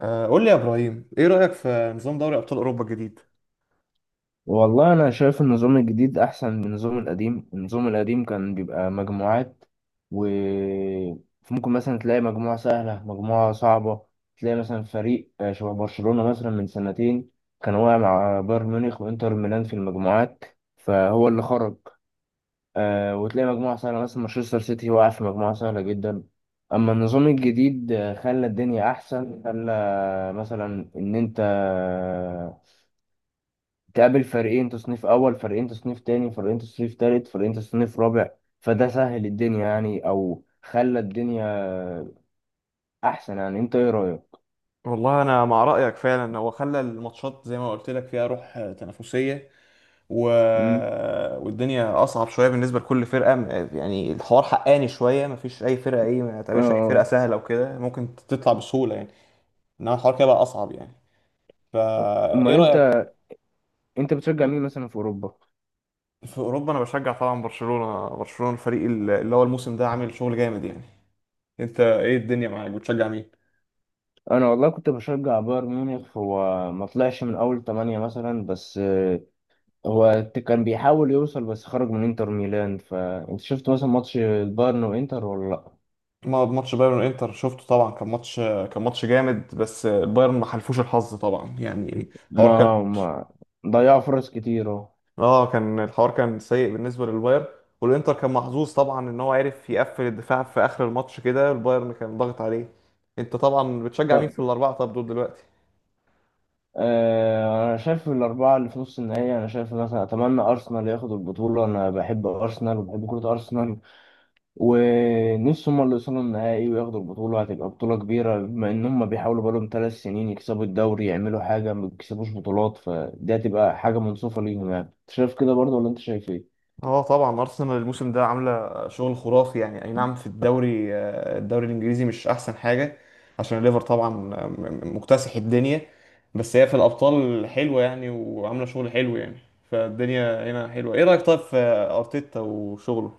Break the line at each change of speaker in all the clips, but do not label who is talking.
قول لي يا ابراهيم ايه رايك في نظام دوري ابطال اوروبا الجديد.
والله أنا شايف النظام الجديد أحسن من النظام القديم. النظام القديم كان بيبقى مجموعات و ممكن مثلا تلاقي مجموعة سهلة مجموعة صعبة. تلاقي مثلا فريق شبه برشلونة مثلا من سنتين كان واقع مع بايرن ميونخ وإنتر ميلان في المجموعات، فهو اللي خرج. وتلاقي مجموعة سهلة مثلا مانشستر سيتي واقع في مجموعة سهلة جدا. أما النظام الجديد خلى الدنيا أحسن، خلى مثلا إن أنت تقابل فريقين تصنيف اول، فريقين تصنيف تاني، فريقين تصنيف تالت، فريقين تصنيف رابع. فده سهل الدنيا يعني، او خلى الدنيا احسن. يعني انت ايه رايك؟
والله انا مع رايك فعلا، هو خلى الماتشات زي ما قلت لك فيها روح تنافسيه. و...
امم.
والدنيا اصعب شويه بالنسبه لكل فرقه. يعني الحوار حقاني شويه، مفيش اي فرقه ايه ما تقابلش اي فرقه
اه.
سهله وكده ممكن تطلع بسهوله يعني. انما الحوار كده بقى اصعب يعني. فا ايه
امال
رايك؟
انت، انت بتشجع مين مثلا في اوروبا؟
في اوروبا انا بشجع طبعا برشلونه، برشلونه الفريق اللي هو الموسم ده عامل شغل جامد يعني. انت ايه الدنيا معاك بتشجع مين؟
انا والله كنت بشجع بايرن ميونخ، هو ما طلعش من اول تمانية مثلا، بس كان بيحاول يوصل بس خرج من انتر ميلان. فانت شفت مثلا ماتش البايرن وانتر ولا لا؟
ماتش بايرن وانتر شفته طبعا، كان ماتش، كان ماتش جامد بس البايرن ما حلفوش الحظ طبعا يعني. الحوار كان،
ما ضيعوا فرص كتير اهو.
اه كان الحوار كان سيء بالنسبه للبايرن. والانتر كان محظوظ طبعا ان هو عرف يقفل الدفاع في اخر الماتش كده، البايرن كان ضاغط عليه. انت طبعا بتشجع مين في الاربعه طب دول دلوقتي؟
انا شايف الاربعه اللي في نص النهائي، انا شايف مثلا اتمنى ارسنال ياخد البطوله. انا بحب ارسنال وبحب كره ارسنال، ونفسي هم اللي يوصلوا النهائي وياخدوا البطوله. هتبقى بطوله كبيره، بما ان هم بيحاولوا بقالهم 3 سنين يكسبوا الدوري، يعملوا حاجه ما بيكسبوش بطولات، فدي هتبقى حاجه منصفه ليهم. يعني انت شايف كده برضه ولا انت شايف ايه؟
اه طبعا ارسنال الموسم ده عامله شغل خرافي يعني، اي نعم في الدوري الدوري الانجليزي مش احسن حاجه عشان الليفر طبعا، مكتسح الدنيا. بس هي في الابطال حلوه يعني وعامله شغل حلو يعني. فالدنيا هنا حلوه. ايه رايك طيب في ارتيتا وشغله؟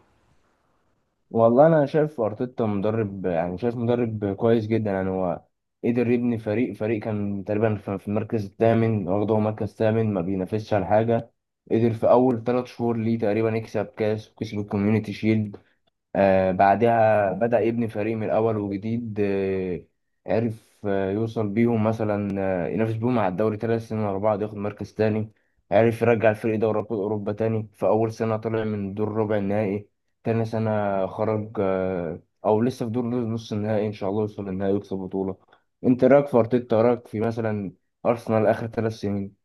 والله انا شايف ارتيتا مدرب، يعني شايف مدرب كويس جدا. يعني هو قدر يبني فريق، كان تقريبا في المركز الثامن، واخده هو مركز ثامن ما بينافسش على حاجه، قدر في اول 3 شهور ليه تقريبا يكسب كاس، وكسب الكوميونيتي شيلد. بعدها بدأ يبني فريق من الأول وجديد. عرف يوصل بيهم مثلا ينافس بيهم على الدوري 3 سنين ورا بعض، ياخد مركز تاني. عرف يرجع الفريق دوري أبطال أوروبا تاني، في أول سنة طلع من دور ربع النهائي، تاني سنة خرج أو لسه في دور نص النهائي إن شاء الله يوصل للنهائي ويكسب بطولة. أنت رأيك في أرتيتا، رأيك في مثلا أرسنال آخر 3 سنين؟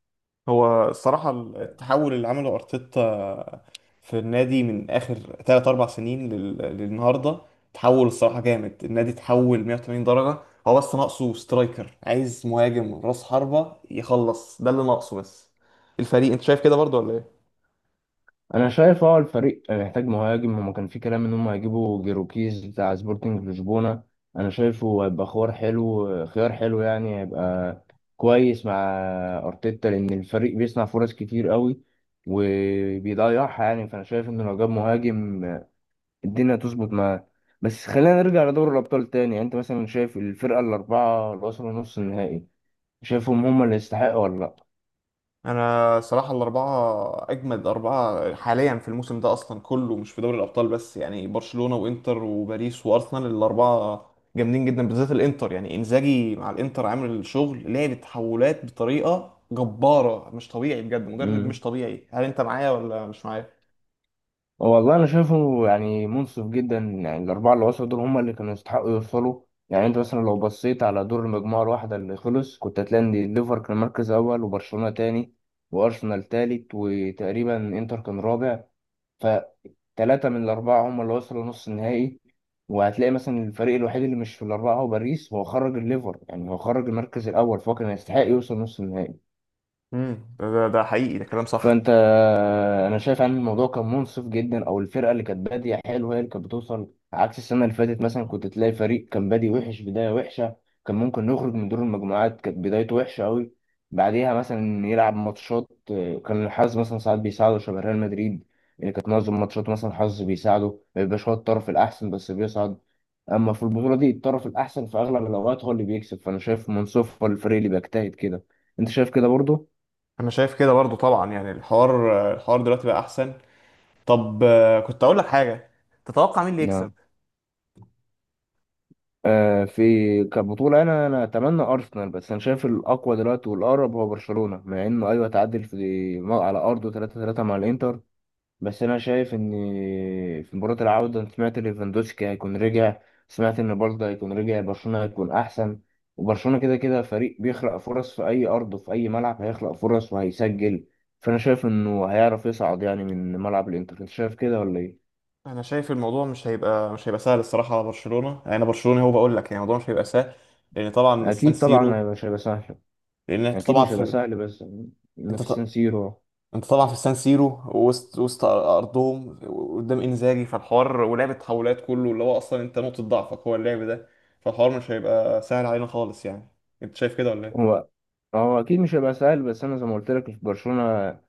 هو الصراحة التحول اللي عمله أرتيتا في النادي من آخر تلات أربع سنين للنهاردة، تحول الصراحة جامد. النادي تحول 180 درجة. هو بس ناقصه سترايكر، عايز مهاجم رأس حربة يخلص، ده اللي ناقصه بس الفريق. أنت شايف كده برضو ولا إيه؟
انا شايف الفريق محتاج مهاجم، هما كان في كلام ان هم هيجيبوا جيروكيز بتاع سبورتنج لشبونه. انا شايفه هيبقى خيار حلو، خيار حلو، يعني هيبقى كويس مع ارتيتا، لان الفريق بيصنع فرص كتير قوي وبيضيعها. يعني فانا شايف ان لو جاب مهاجم الدنيا تظبط معاه. بس خلينا نرجع لدوري الابطال تاني. يعني انت مثلا شايف الفرقه الاربعه اللي وصلوا نص النهائي، شايفهم هم اللي يستحقوا ولا
انا صراحه الاربعه اجمد اربعه حاليا في الموسم ده اصلا كله مش في دوري الابطال بس، يعني برشلونه وانتر وباريس وارسنال الاربعه جامدين جدا، بالذات الانتر يعني انزاجي مع الانتر عامل الشغل، لعب تحولات بطريقه جباره مش طبيعي، بجد مدرب
لا؟
مش طبيعي. هل انت معايا ولا مش معايا؟
والله انا شايفه يعني منصف جدا. يعني الاربعه اللي وصلوا دول هم اللي كانوا يستحقوا يوصلوا. يعني انت مثلا لو بصيت على دور المجموعه الواحده اللي خلص، كنت هتلاقي ان الليفر كان مركز اول، وبرشلونه تاني، وارسنال تالت، وتقريبا انتر كان رابع. فتلاته من الاربعه هم اللي وصلوا نص النهائي. وهتلاقي مثلا الفريق الوحيد اللي مش في الاربعه هو باريس، هو خرج الليفر. يعني هو خرج المركز الاول، فهو كان يستحق يوصل نص النهائي.
امم، ده حقيقي، ده كلام صح.
فانت انا شايف ان الموضوع كان منصف جدا، او الفرقه اللي كانت باديه حلوه هي اللي كانت بتوصل، عكس السنه اللي فاتت مثلا كنت تلاقي فريق كان بادي وحش، بدايه وحشه، كان ممكن يخرج من دور المجموعات، كانت بدايته وحشه قوي، بعديها مثلا يلعب ماتشات كان الحظ مثلا ساعات بيساعده شبه ريال مدريد، اللي كانت معظم ماتشات مثلا الحظ بيساعده، ما بيبقاش هو الطرف الاحسن بس بيصعد. اما في البطوله دي الطرف الاحسن في اغلب الاوقات هو اللي بيكسب، فانا شايف منصف، هو الفريق اللي بيجتهد كده. انت شايف كده برضه؟
انا شايف كده برضو طبعا يعني الحوار، الحوار دلوقتي بقى احسن. طب كنت اقول لك حاجه، تتوقع مين اللي يكسب؟
نعم. في كبطولة أنا أتمنى أرسنال، بس أنا شايف الأقوى دلوقتي والأقرب هو برشلونة، مع إنه أيوه تعادل في على أرضه 3-3 مع الإنتر. بس أنا شايف إن في مباراة العودة أنا سمعت ليفاندوسكي هيكون رجع، سمعت إن برضه هيكون رجع، برشلونة هيكون أحسن. وبرشلونة كده كده فريق بيخلق فرص في أي أرض، وفي أي ملعب هيخلق فرص وهيسجل. فأنا شايف إنه هيعرف يصعد يعني من ملعب الإنتر. أنت شايف كده ولا إيه؟
انا شايف الموضوع مش هيبقى سهل الصراحه على برشلونه، يعني انا برشلونه هو بقول لك يعني الموضوع مش هيبقى سهل لان طبعا السان
أكيد طبعا
سيرو.
هيبقى شايف. يعني
لان انت
اكيد
طبعا
مش هيبقى
في،
سهل، بس إنه
انت
في سان
ط...
سيرو.
انت طبعا في السان سيرو، وسط ارضهم قدام انزاجي، فالحوار ولعب التحولات كله اللي هو اصلا انت نقطه ضعفك هو اللعب ده، فالحوار مش هيبقى سهل علينا خالص يعني. انت شايف كده ولا ايه؟
هو هو اكيد مش هيبقى سهل، بس انا زي ما قلت لك في برشلونه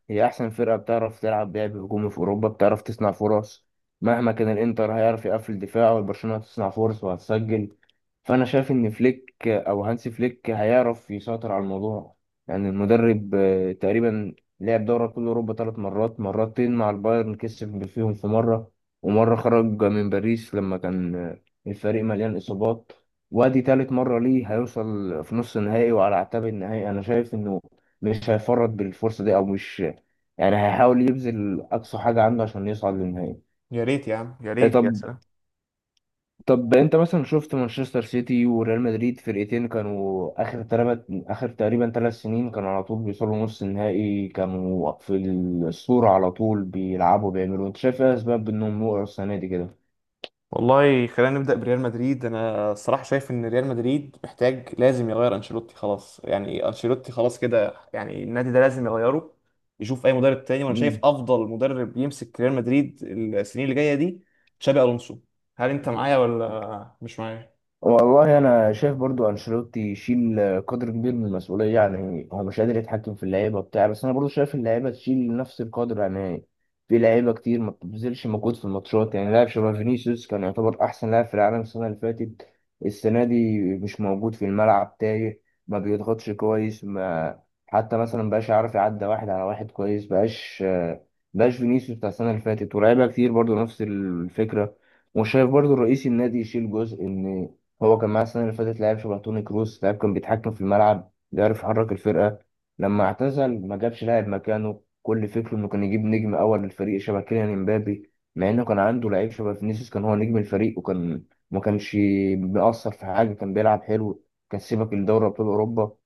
هي احسن فرقه بتعرف تلعب لعب هجومي في اوروبا، بتعرف تصنع فرص. مهما كان الانتر هيعرف يقفل دفاع، والبرشلونه هتصنع فرص وهتسجل. فانا شايف ان فليك او هانسي فليك هيعرف يسيطر على الموضوع. يعني المدرب تقريبا لعب دوري ابطال اوروبا 3 مرات، مرتين مع البايرن كسب فيهم في مره، ومره خرج من باريس لما كان الفريق مليان اصابات. وادي تالت مرة ليه هيوصل في نص النهائي وعلى اعتاب النهائي. انا شايف انه مش هيفرط بالفرصة دي، او مش، يعني هيحاول يبذل اقصى حاجة عنده عشان يصعد للنهائي.
يا ريت يا عم، يا
إيه
ريت، يا
طب.
سلام.
طب انت مثلا شفت مانشستر سيتي وريال مدريد، فرقتين كانوا اخر تلات، اخر تقريبا 3 سنين، كانوا على طول بيوصلوا نص النهائي، كانوا في الصورة على طول بيلعبوا بيعملوا. انت شايف ايه اسباب انهم وقعوا السنة دي كده؟
والله خلينا نبدأ بريال مدريد، انا الصراحة شايف ان ريال مدريد محتاج لازم يغير انشيلوتي خلاص، يعني انشيلوتي خلاص كده يعني، النادي ده لازم يغيره، يشوف اي مدرب تاني. وانا شايف افضل مدرب يمسك ريال مدريد السنين اللي جاية دي تشابي الونسو. هل انت معايا ولا مش معايا؟
والله انا شايف برضو انشيلوتي يشيل قدر كبير من المسؤوليه. يعني هو مش قادر يتحكم في اللعيبه بتاع، بس انا برضو شايف اللعيبه تشيل نفس القدر. يعني في لعيبه كتير ما بتبذلش مجهود في الماتشات. يعني لاعب شبه فينيسيوس كان يعتبر احسن لاعب في العالم السنه اللي فاتت، السنه دي مش موجود في الملعب، تايه، ما بيضغطش كويس، ما حتى مثلا بقاش عارف يعدي واحد على واحد كويس، بقاش فينيسيوس بتاع السنه اللي فاتت. ولاعيبه كتير برضو نفس الفكره. وشايف برضو رئيس النادي يشيل جزء، ان هو كان معاه السنة اللي فاتت لاعب شبه توني كروس، لاعب كان بيتحكم في الملعب بيعرف يحرك الفرقة، لما اعتزل ما جابش لاعب مكانه. كل فكره انه كان يجيب نجم اول للفريق شبه كيليان امبابي، مع انه كان عنده لعيب شبه فينيسيوس كان هو نجم الفريق، وكان ما كانش بيأثر في حاجة، كان بيلعب حلو، كان سيبك لدوري ابطال اوروبا.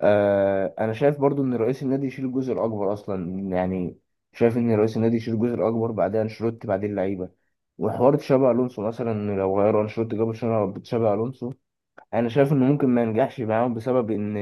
انا شايف برضو ان رئيس النادي يشيل الجزء الاكبر اصلا. يعني شايف ان رئيس النادي يشيل الجزء الاكبر، بعدها انشيلوتي، بعدين اللعيبة. وحوار تشابي الونسو، مثلا لو غيروا انشيلوتي جابوا تشابي الونسو، انا شايف انه ممكن ما ينجحش معاهم، بسبب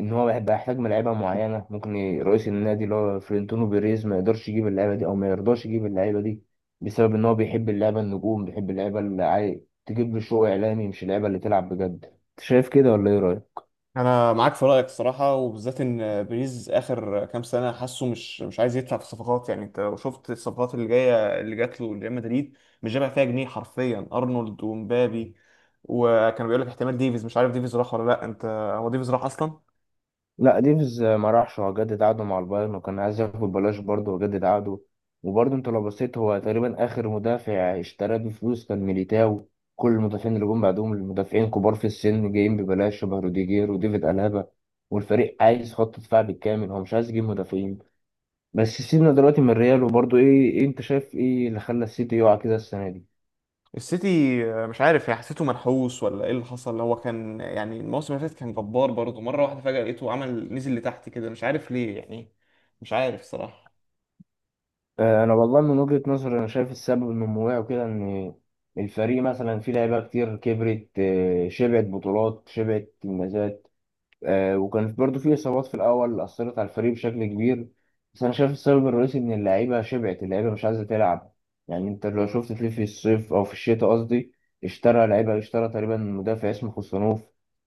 ان هو هيبقى يحتاج ملاعيبه معينه، ممكن رئيس النادي اللي هو فلورنتينو بيريز ما يقدرش يجيب اللعيبه دي او ما يرضاش يجيب اللعيبه دي، بسبب ان هو بيحب اللعبه النجوم، بيحب اللعبه اللي تجيب له شو اعلامي، مش اللعبه اللي تلعب بجد. انت شايف كده ولا ايه رايك؟
انا معاك في رايك الصراحه، وبالذات ان بيريز اخر كام سنه حاسه مش عايز يدفع في الصفقات. يعني انت لو شفت الصفقات اللي جايه اللي جات له لريال مدريد مش جايبها فيها جنيه حرفيا، ارنولد ومبابي. وكانوا بيقول لك احتمال ديفيز، مش عارف ديفيز راح ولا لا انت؟ هو ديفيز راح اصلا؟
لا، ديفيز ما راحش، هو جدد عقده مع البايرن، وكان عايز ياخد ببلاش برضه، وجدد عقده. وبرضه انت لو بصيت هو تقريبا اخر مدافع اشتراه بفلوس كان ميليتاو. كل المدافعين اللي جم بعدهم المدافعين كبار في السن جايين ببلاش شبه روديجير وديفيد ألابا. والفريق عايز خط دفاع بالكامل، هو مش عايز يجيب مدافعين. بس سيبنا دلوقتي من الريال. وبرضه إيه انت شايف ايه اللي خلى السيتي يقع كده السنة دي؟
السيتي مش عارف يعني، حسيته منحوس ولا ايه اللي حصل؟ هو كان يعني الموسم اللي فات كان جبار برضه، مره واحده فجاه لقيته عمل نزل لتحت كده مش عارف ليه يعني. مش عارف صراحه.
انا والله من وجهة نظري انا شايف السبب النموي وكده، ان الفريق مثلا فيه لعيبه كتير كبرت، شبعت بطولات شبعت انجازات، وكانت برضو في إصابات في الأول أثرت على الفريق بشكل كبير. بس أنا شايف السبب الرئيسي إن اللعيبة شبعت، اللعيبة مش عايزة تلعب. يعني أنت لو شفت تلاقي في الصيف، أو في الشتاء قصدي، اشترى لعيبة، اشترى تقريبا مدافع اسمه خوسانوف،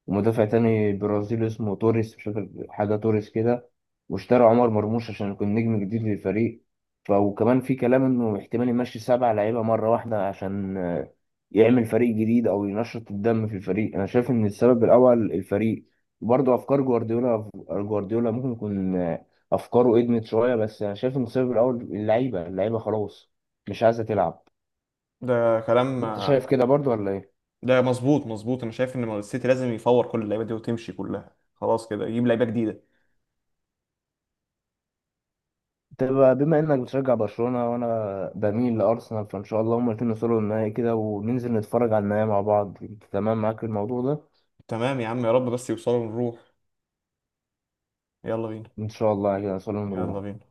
ومدافع تاني برازيلي اسمه توريس، مش فاكر حاجة توريس كده، واشترى عمر مرموش عشان يكون نجم جديد للفريق. وكمان في كلام إنه احتمال يمشي 7 لعيبة مرة واحدة عشان يعمل فريق جديد أو ينشط الدم في الفريق. أنا شايف إن السبب الأول الفريق برضه افكار جوارديولا، ممكن يكون افكاره ادمت شويه، بس انا شايف المسبب الاول اللعيبه، اللعيبه خلاص مش عايزه تلعب.
ده كلام،
انت شايف كده برضه ولا ايه؟
ده مظبوط مظبوط. انا شايف ان السيتي لازم يفور كل اللعيبه دي وتمشي كلها خلاص كده، يجيب لعيبه جديده.
طب بما انك بتشجع برشلونه وانا بميل لارسنال، فان شاء الله هما الاتنين يوصلوا للنهائي كده، وننزل نتفرج على النهائي مع بعض. تمام معاك في الموضوع ده؟
تمام يا عم، يا رب بس يوصلوا نروح. يلا بينا.
ان شاء الله كده نوصل
يلا
ونروح.
بينا.